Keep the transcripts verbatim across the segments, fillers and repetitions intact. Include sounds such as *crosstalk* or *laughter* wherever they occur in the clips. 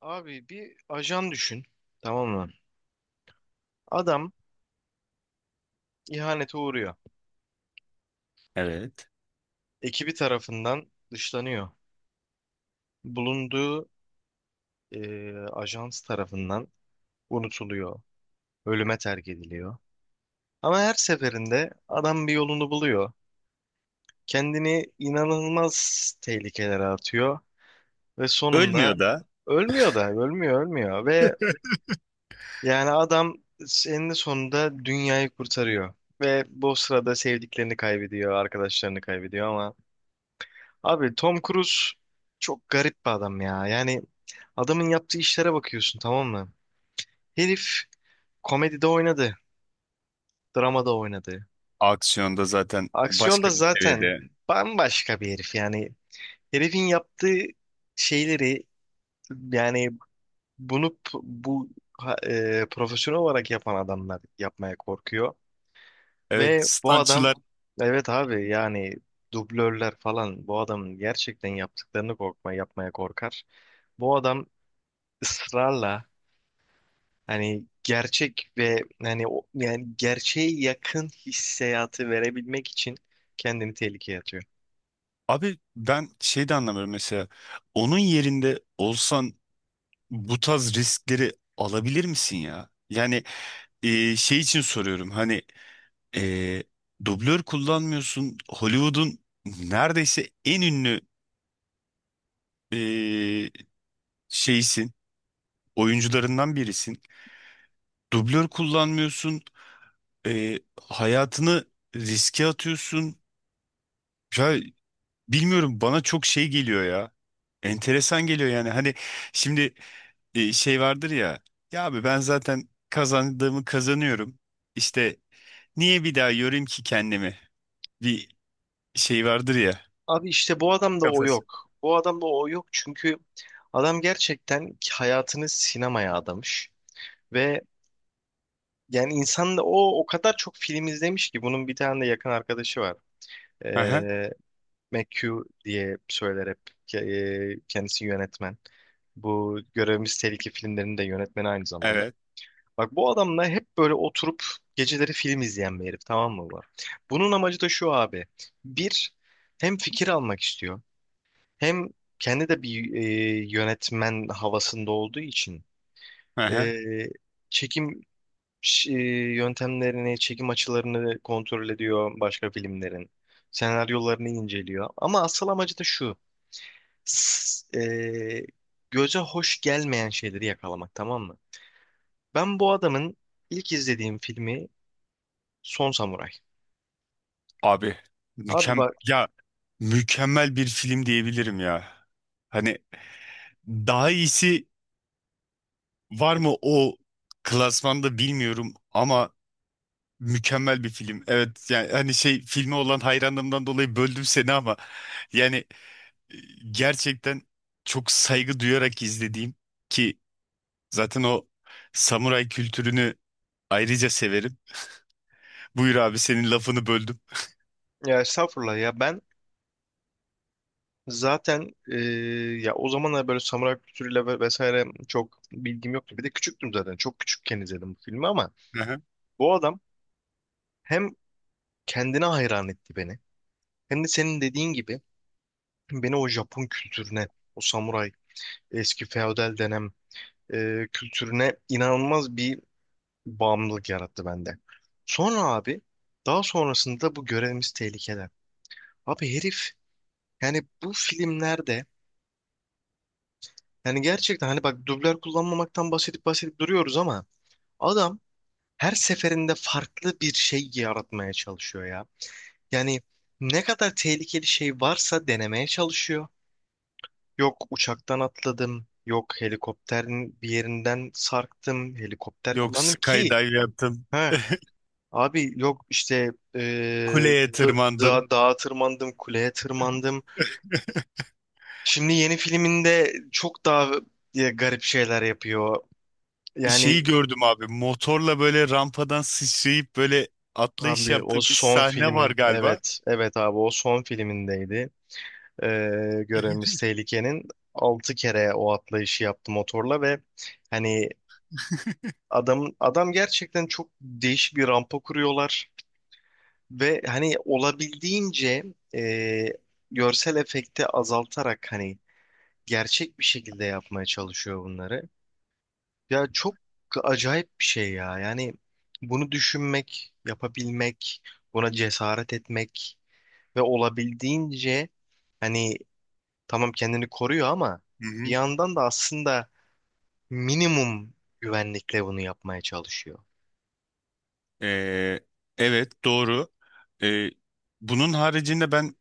Abi bir ajan düşün. Tamam mı? Adam ihanete uğruyor. Evet. Ekibi tarafından dışlanıyor. Bulunduğu e, ajans tarafından unutuluyor. Ölüme terk ediliyor. Ama her seferinde adam bir yolunu buluyor. Kendini inanılmaz tehlikelere atıyor. Ve sonunda Ölmüyor da ölmüyor da ölmüyor ölmüyor. Ve yani adam eninde sonunda dünyayı kurtarıyor. Ve bu sırada sevdiklerini kaybediyor, arkadaşlarını kaybediyor ama abi Tom Cruise çok garip bir adam ya. Yani adamın yaptığı işlere bakıyorsun, tamam mı? Herif komedide oynadı, dramada oynadı. aksiyonda zaten Aksiyonda başka bir zaten seviyede. bambaşka bir herif yani. Herifin yaptığı şeyleri, yani bunu p- bu ha- e, profesyonel olarak yapan adamlar yapmaya korkuyor. Evet, Ve bu adam, stuntçılar. evet abi, yani dublörler falan bu adamın gerçekten yaptıklarını korkma yapmaya korkar. Bu adam ısrarla, hani gerçek ve yani o- yani gerçeğe yakın hissiyatı verebilmek için kendini tehlikeye atıyor. Abi ben şey de anlamıyorum mesela. Onun yerinde olsan bu tarz riskleri alabilir misin ya? Yani e, şey için soruyorum. Hani e, dublör kullanmıyorsun. Hollywood'un neredeyse en ünlü e, şeysin. Oyuncularından birisin. Dublör kullanmıyorsun. E, Hayatını riske atıyorsun. Ya bilmiyorum, bana çok şey geliyor ya. Enteresan geliyor yani. Hani şimdi e, şey vardır ya. Ya abi ben zaten kazandığımı kazanıyorum. İşte niye bir daha yorayım ki kendimi? Bir şey vardır ya. Abi işte bu adamda o Kafası. yok. Bu adamda o yok, çünkü adam gerçekten hayatını sinemaya adamış ve yani insan da o o kadar çok film izlemiş ki bunun bir tane de yakın arkadaşı var. Aha, Ee, McHugh diye söyler hep. Ke- e, Kendisi yönetmen. Bu Görevimiz Tehlike filmlerinin de yönetmeni aynı zamanda. evet. Bak, bu adamla hep böyle oturup geceleri film izleyen bir herif, tamam mı bu? Bunun amacı da şu abi. Bir, hem fikir almak istiyor. Hem kendi de bir, e, yönetmen havasında olduğu için e, Aha. çekim ş- e, yöntemlerini, çekim açılarını kontrol ediyor başka filmlerin. Senaryolarını inceliyor. Ama asıl amacı da şu. S- e, Göze hoş gelmeyen şeyleri yakalamak, tamam mı? Ben bu adamın ilk izlediğim filmi Son Samuray. Abi Abi mükem bak, ya mükemmel bir film diyebilirim ya. Hani daha iyisi var mı o klasmanda bilmiyorum ama mükemmel bir film. Evet yani hani şey, filme olan hayranlığımdan dolayı böldüm seni ama yani e, gerçekten çok saygı duyarak izlediğim, ki zaten o samuray kültürünü ayrıca severim. Buyur abi, senin lafını böldüm. *laughs* ya estağfurullah ya, ben zaten e, ya o zamanlar böyle samuray kültürüyle ve vesaire çok bilgim yoktu. Bir de küçüktüm zaten. Çok küçükken izledim bu filmi ama Hı hı. bu adam hem kendine hayran etti beni, hem de senin dediğin gibi beni o Japon kültürüne, o samuray eski feodal dönem e, kültürüne inanılmaz bir bağımlılık yarattı bende. Sonra abi, daha sonrasında bu görevimiz tehlikeler. Abi herif, yani bu filmlerde, yani gerçekten hani bak dublör kullanmamaktan bahsedip bahsedip duruyoruz ama adam her seferinde farklı bir şey yaratmaya çalışıyor ya. Yani ne kadar tehlikeli şey varsa denemeye çalışıyor. Yok uçaktan atladım, yok helikopterin bir yerinden sarktım, helikopter Yok, kullandım ki skydive yaptım. ha *laughs* abi yok işte ee, Kuleye da- tırmandım. da- dağa tırmandım, kuleye tırmandım. Şimdi yeni filminde çok daha e, garip şeyler yapıyor. Şeyi Yani gördüm abi. Motorla böyle rampadan sıçrayıp böyle atlayış abi yaptığı o bir son sahne var film, galiba. evet evet abi o son filmindeydi. Ee, Görevimiz *laughs* Tehlike'nin altı kere o atlayışı yaptı motorla ve hani adam adam gerçekten çok değişik bir rampa kuruyorlar ve hani olabildiğince e, görsel efekti azaltarak hani gerçek bir şekilde yapmaya çalışıyor bunları. Ya çok acayip bir şey ya. Yani bunu düşünmek, yapabilmek, buna cesaret etmek. Ve olabildiğince hani, tamam kendini koruyor ama Hı bir hı. yandan da aslında minimum güvenlikle bunu yapmaya çalışıyor. Ee, evet, doğru. Ee, Bunun haricinde ben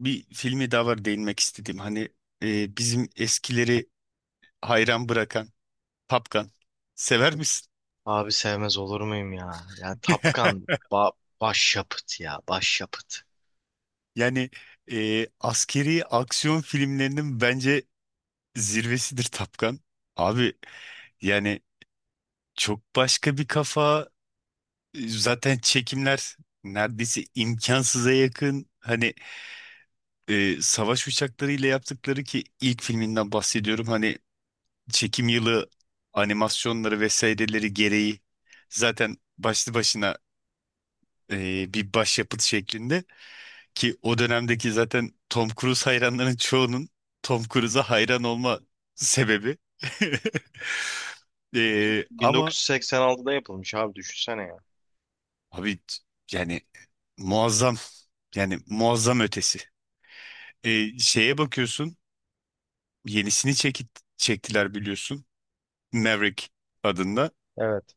bir filmi daha var değinmek istedim. Hani e, bizim eskileri hayran bırakan Tapkan. Sever misin? Abi sevmez olur muyum ya? Ya *laughs* Tapkan, ba başyapıt ya, başyapıt. Yani e, askeri aksiyon filmlerinin bence zirvesidir Tapkan. Abi yani çok başka bir kafa, zaten çekimler neredeyse imkansıza yakın. Hani e, savaş uçaklarıyla yaptıkları, ki ilk filminden bahsediyorum. Hani çekim yılı, animasyonları vesaireleri gereği zaten başlı başına e, bir başyapıt şeklinde, ki o dönemdeki zaten Tom Cruise hayranların çoğunun Tom Cruise'a hayran olma sebebi. *laughs* Bin- E, ama 1986'da yapılmış abi, düşünsene ya. abi yani muazzam, yani muazzam ötesi. E, şeye bakıyorsun. Yenisini çekit, çektiler, biliyorsun. Maverick adında. Evet.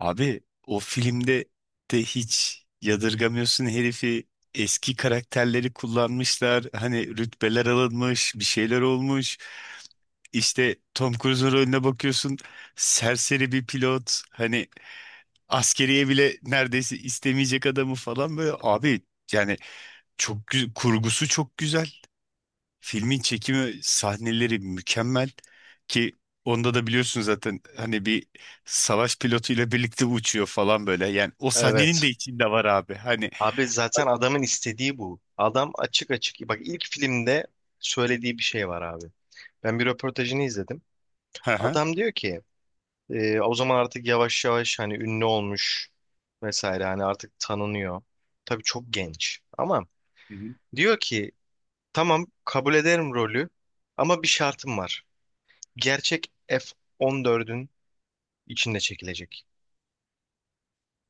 Abi o filmde de hiç yadırgamıyorsun herifi. Eski karakterleri kullanmışlar. Hani rütbeler alınmış, bir şeyler olmuş. İşte Tom Cruise'un rolüne bakıyorsun. Serseri bir pilot. Hani askeriye bile neredeyse istemeyecek adamı falan böyle. Abi yani çok gü- kurgusu çok güzel. Filmin çekimi, sahneleri mükemmel, ki onda da biliyorsun zaten hani bir savaş pilotuyla birlikte uçuyor falan böyle. Yani o sahnenin Evet. de içinde var abi. Hani Abi zaten adamın istediği bu. Adam açık açık. Bak ilk filmde söylediği bir şey var abi. Ben bir röportajını izledim. hı hı. Adam diyor ki, Ee, o zaman artık yavaş yavaş hani ünlü olmuş vesaire, hani artık tanınıyor. Tabii çok genç ama Hı hı. diyor ki tamam kabul ederim rolü ama bir şartım var. Gerçek F on dörtün içinde çekilecek.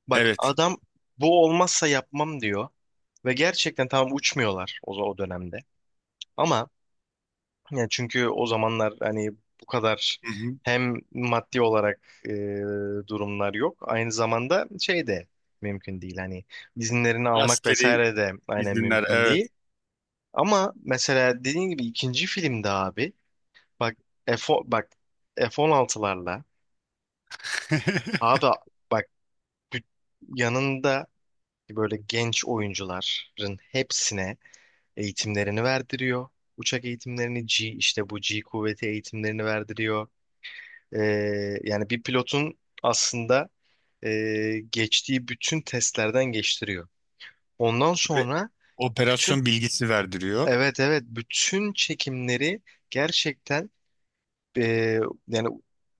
Bak Evet. adam bu olmazsa yapmam diyor ve gerçekten tamam uçmuyorlar o, o dönemde ama yani çünkü o zamanlar hani bu kadar Hı hı. hem maddi olarak e, durumlar yok. Aynı zamanda şey de mümkün değil. Hani izinlerini almak Askeri vesaire de aynen izinler, mümkün evet. değil. Ama mesela dediğin gibi ikinci filmde abi bak, F o- bak F on altılarla abi *laughs* bak, bü- yanında böyle genç oyuncuların hepsine eğitimlerini verdiriyor. Uçak eğitimlerini, G işte bu G kuvveti eğitimlerini verdiriyor. Ee, yani bir pilotun aslında e, geçtiği bütün testlerden geçtiriyor. Ondan Ve sonra bütün, operasyon bilgisi verdiriyor. evet evet, bütün çekimleri gerçekten e, yani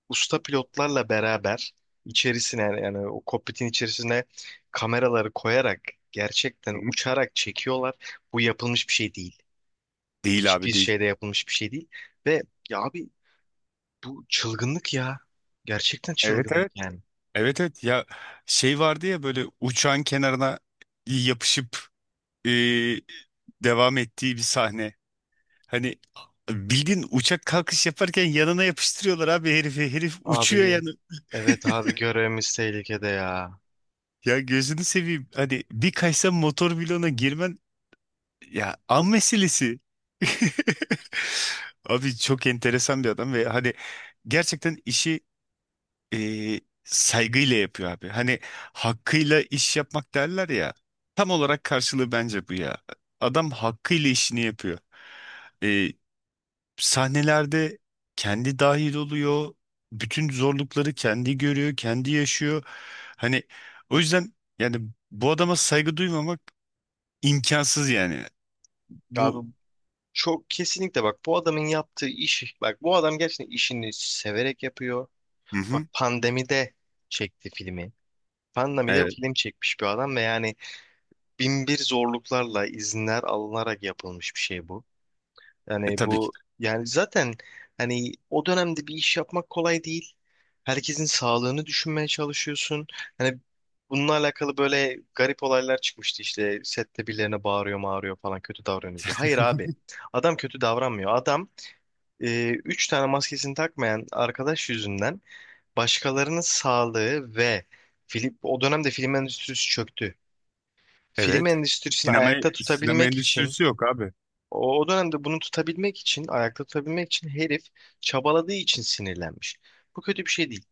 usta pilotlarla beraber içerisine, yani yani o kokpitin içerisine kameraları koyarak Hı gerçekten hı. uçarak çekiyorlar. Bu yapılmış bir şey değil. Değil abi, Hiçbir değil. şeyde yapılmış bir şey değil. Ve ya abi, bu çılgınlık ya. Gerçekten Evet, çılgınlık evet. yani. Evet, evet ya, şey vardı ya, böyle uçağın kenarına yapışıp e, devam ettiği bir sahne. Hani bildiğin uçak kalkış yaparken yanına yapıştırıyorlar abi herifi. Herif uçuyor Abi, yani. evet abi, görevimiz tehlikede ya. Ya gözünü seveyim. Hani bir kaysa motor bloğuna girmen ya an meselesi. *laughs* Abi çok enteresan bir adam ve hani gerçekten işi e, saygıyla yapıyor abi. Hani hakkıyla iş yapmak derler ya. Tam olarak karşılığı bence bu ya. Adam hakkıyla işini yapıyor. Sahnelerde kendi dahil oluyor. Bütün zorlukları kendi görüyor, kendi yaşıyor. Hani o yüzden yani bu adama saygı duymamak imkansız yani. Abi Bu. çok kesinlikle, bak bu adamın yaptığı iş, bak bu adam gerçekten işini severek yapıyor. Hı Bak hı. pandemide çekti filmi. Pandemide Evet, film çekmiş bir adam ve yani bin bir zorluklarla izinler alınarak yapılmış bir şey bu. e, Yani tabii ki. bu, yani zaten hani o dönemde bir iş yapmak kolay değil. Herkesin sağlığını düşünmeye çalışıyorsun. Hani bununla alakalı böyle garip olaylar çıkmıştı, işte sette birilerine bağırıyor mağırıyor falan kötü davranıyor diyor. Hayır abi, adam kötü davranmıyor. Adam e, üç tane maskesini takmayan arkadaş yüzünden başkalarının sağlığı ve film, o dönemde film endüstrisi çöktü. Film Evet. endüstrisini Sinema ayakta sinema tutabilmek için endüstrisi yok abi. o, o dönemde bunu tutabilmek için, ayakta tutabilmek için herif çabaladığı için sinirlenmiş. Bu kötü bir şey değil.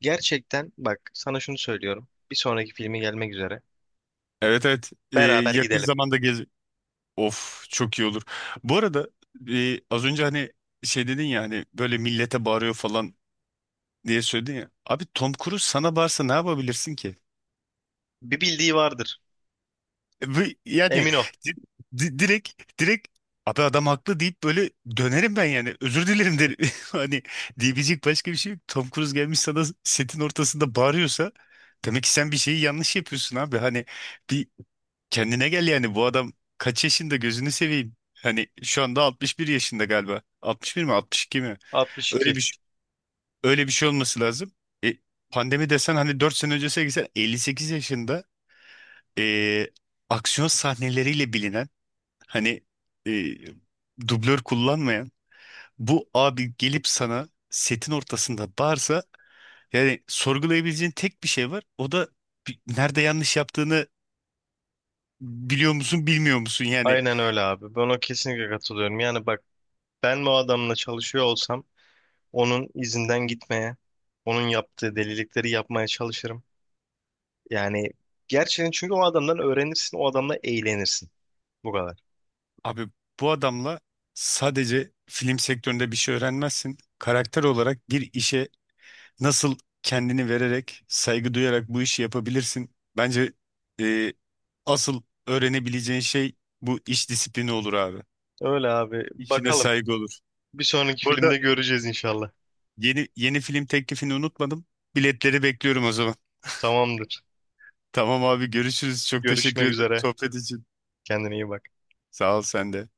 Gerçekten bak sana şunu söylüyorum. Bir sonraki filmi gelmek üzere. Evet, evet. Ee, Beraber Yakın gidelim. zamanda gez. Of, çok iyi olur. Bu arada e, az önce hani şey dedin ya, hani böyle millete bağırıyor falan diye söyledin ya. Abi Tom Cruise sana bağırsa ne yapabilirsin ki? Bir bildiği vardır. Bu, yani Emin ol. di- di- direkt direkt abi adam haklı deyip böyle dönerim ben, yani özür dilerim derim. *laughs* Hani diyebilecek başka bir şey yok. Tom Cruise gelmiş sana setin ortasında bağırıyorsa demek ki sen bir şeyi yanlış yapıyorsun abi. Hani bir kendine gel yani, bu adam kaç yaşında gözünü seveyim. Hani şu anda altmış bir yaşında galiba. Altmış bir mi, altmış iki mi? altmış iki. Öyle bir şey- Öyle bir şey olması lazım. E, Pandemi desen hani dört sene öncesine gitsen elli sekiz yaşında e, aksiyon sahneleriyle bilinen, hani e, dublör kullanmayan bu abi gelip sana setin ortasında bağırsa, yani sorgulayabileceğin tek bir şey var. O da bi- nerede yanlış yaptığını biliyor musun, bilmiyor musun? Yani Aynen öyle abi. Ben o kesinlikle katılıyorum. Yani bak, ben bu adamla çalışıyor olsam onun izinden gitmeye, onun yaptığı delilikleri yapmaya çalışırım. Yani gerçekten, çünkü o adamdan öğrenirsin, o adamla eğlenirsin. Bu kadar. abi bu adamla sadece film sektöründe bir şey öğrenmezsin. Karakter olarak bir işe nasıl kendini vererek, saygı duyarak bu işi yapabilirsin. Bence e, asıl öğrenebileceğin şey bu iş disiplini olur abi. Öyle abi. İşine Bakalım. saygı olur. Bir sonraki Burada filmde göreceğiz inşallah. yeni yeni film teklifini unutmadım. Biletleri bekliyorum o zaman. Tamamdır. Tamam abi, görüşürüz. Çok teşekkür Görüşmek ederim üzere. sohbet için. Kendine iyi bak. Sağ ol sen de.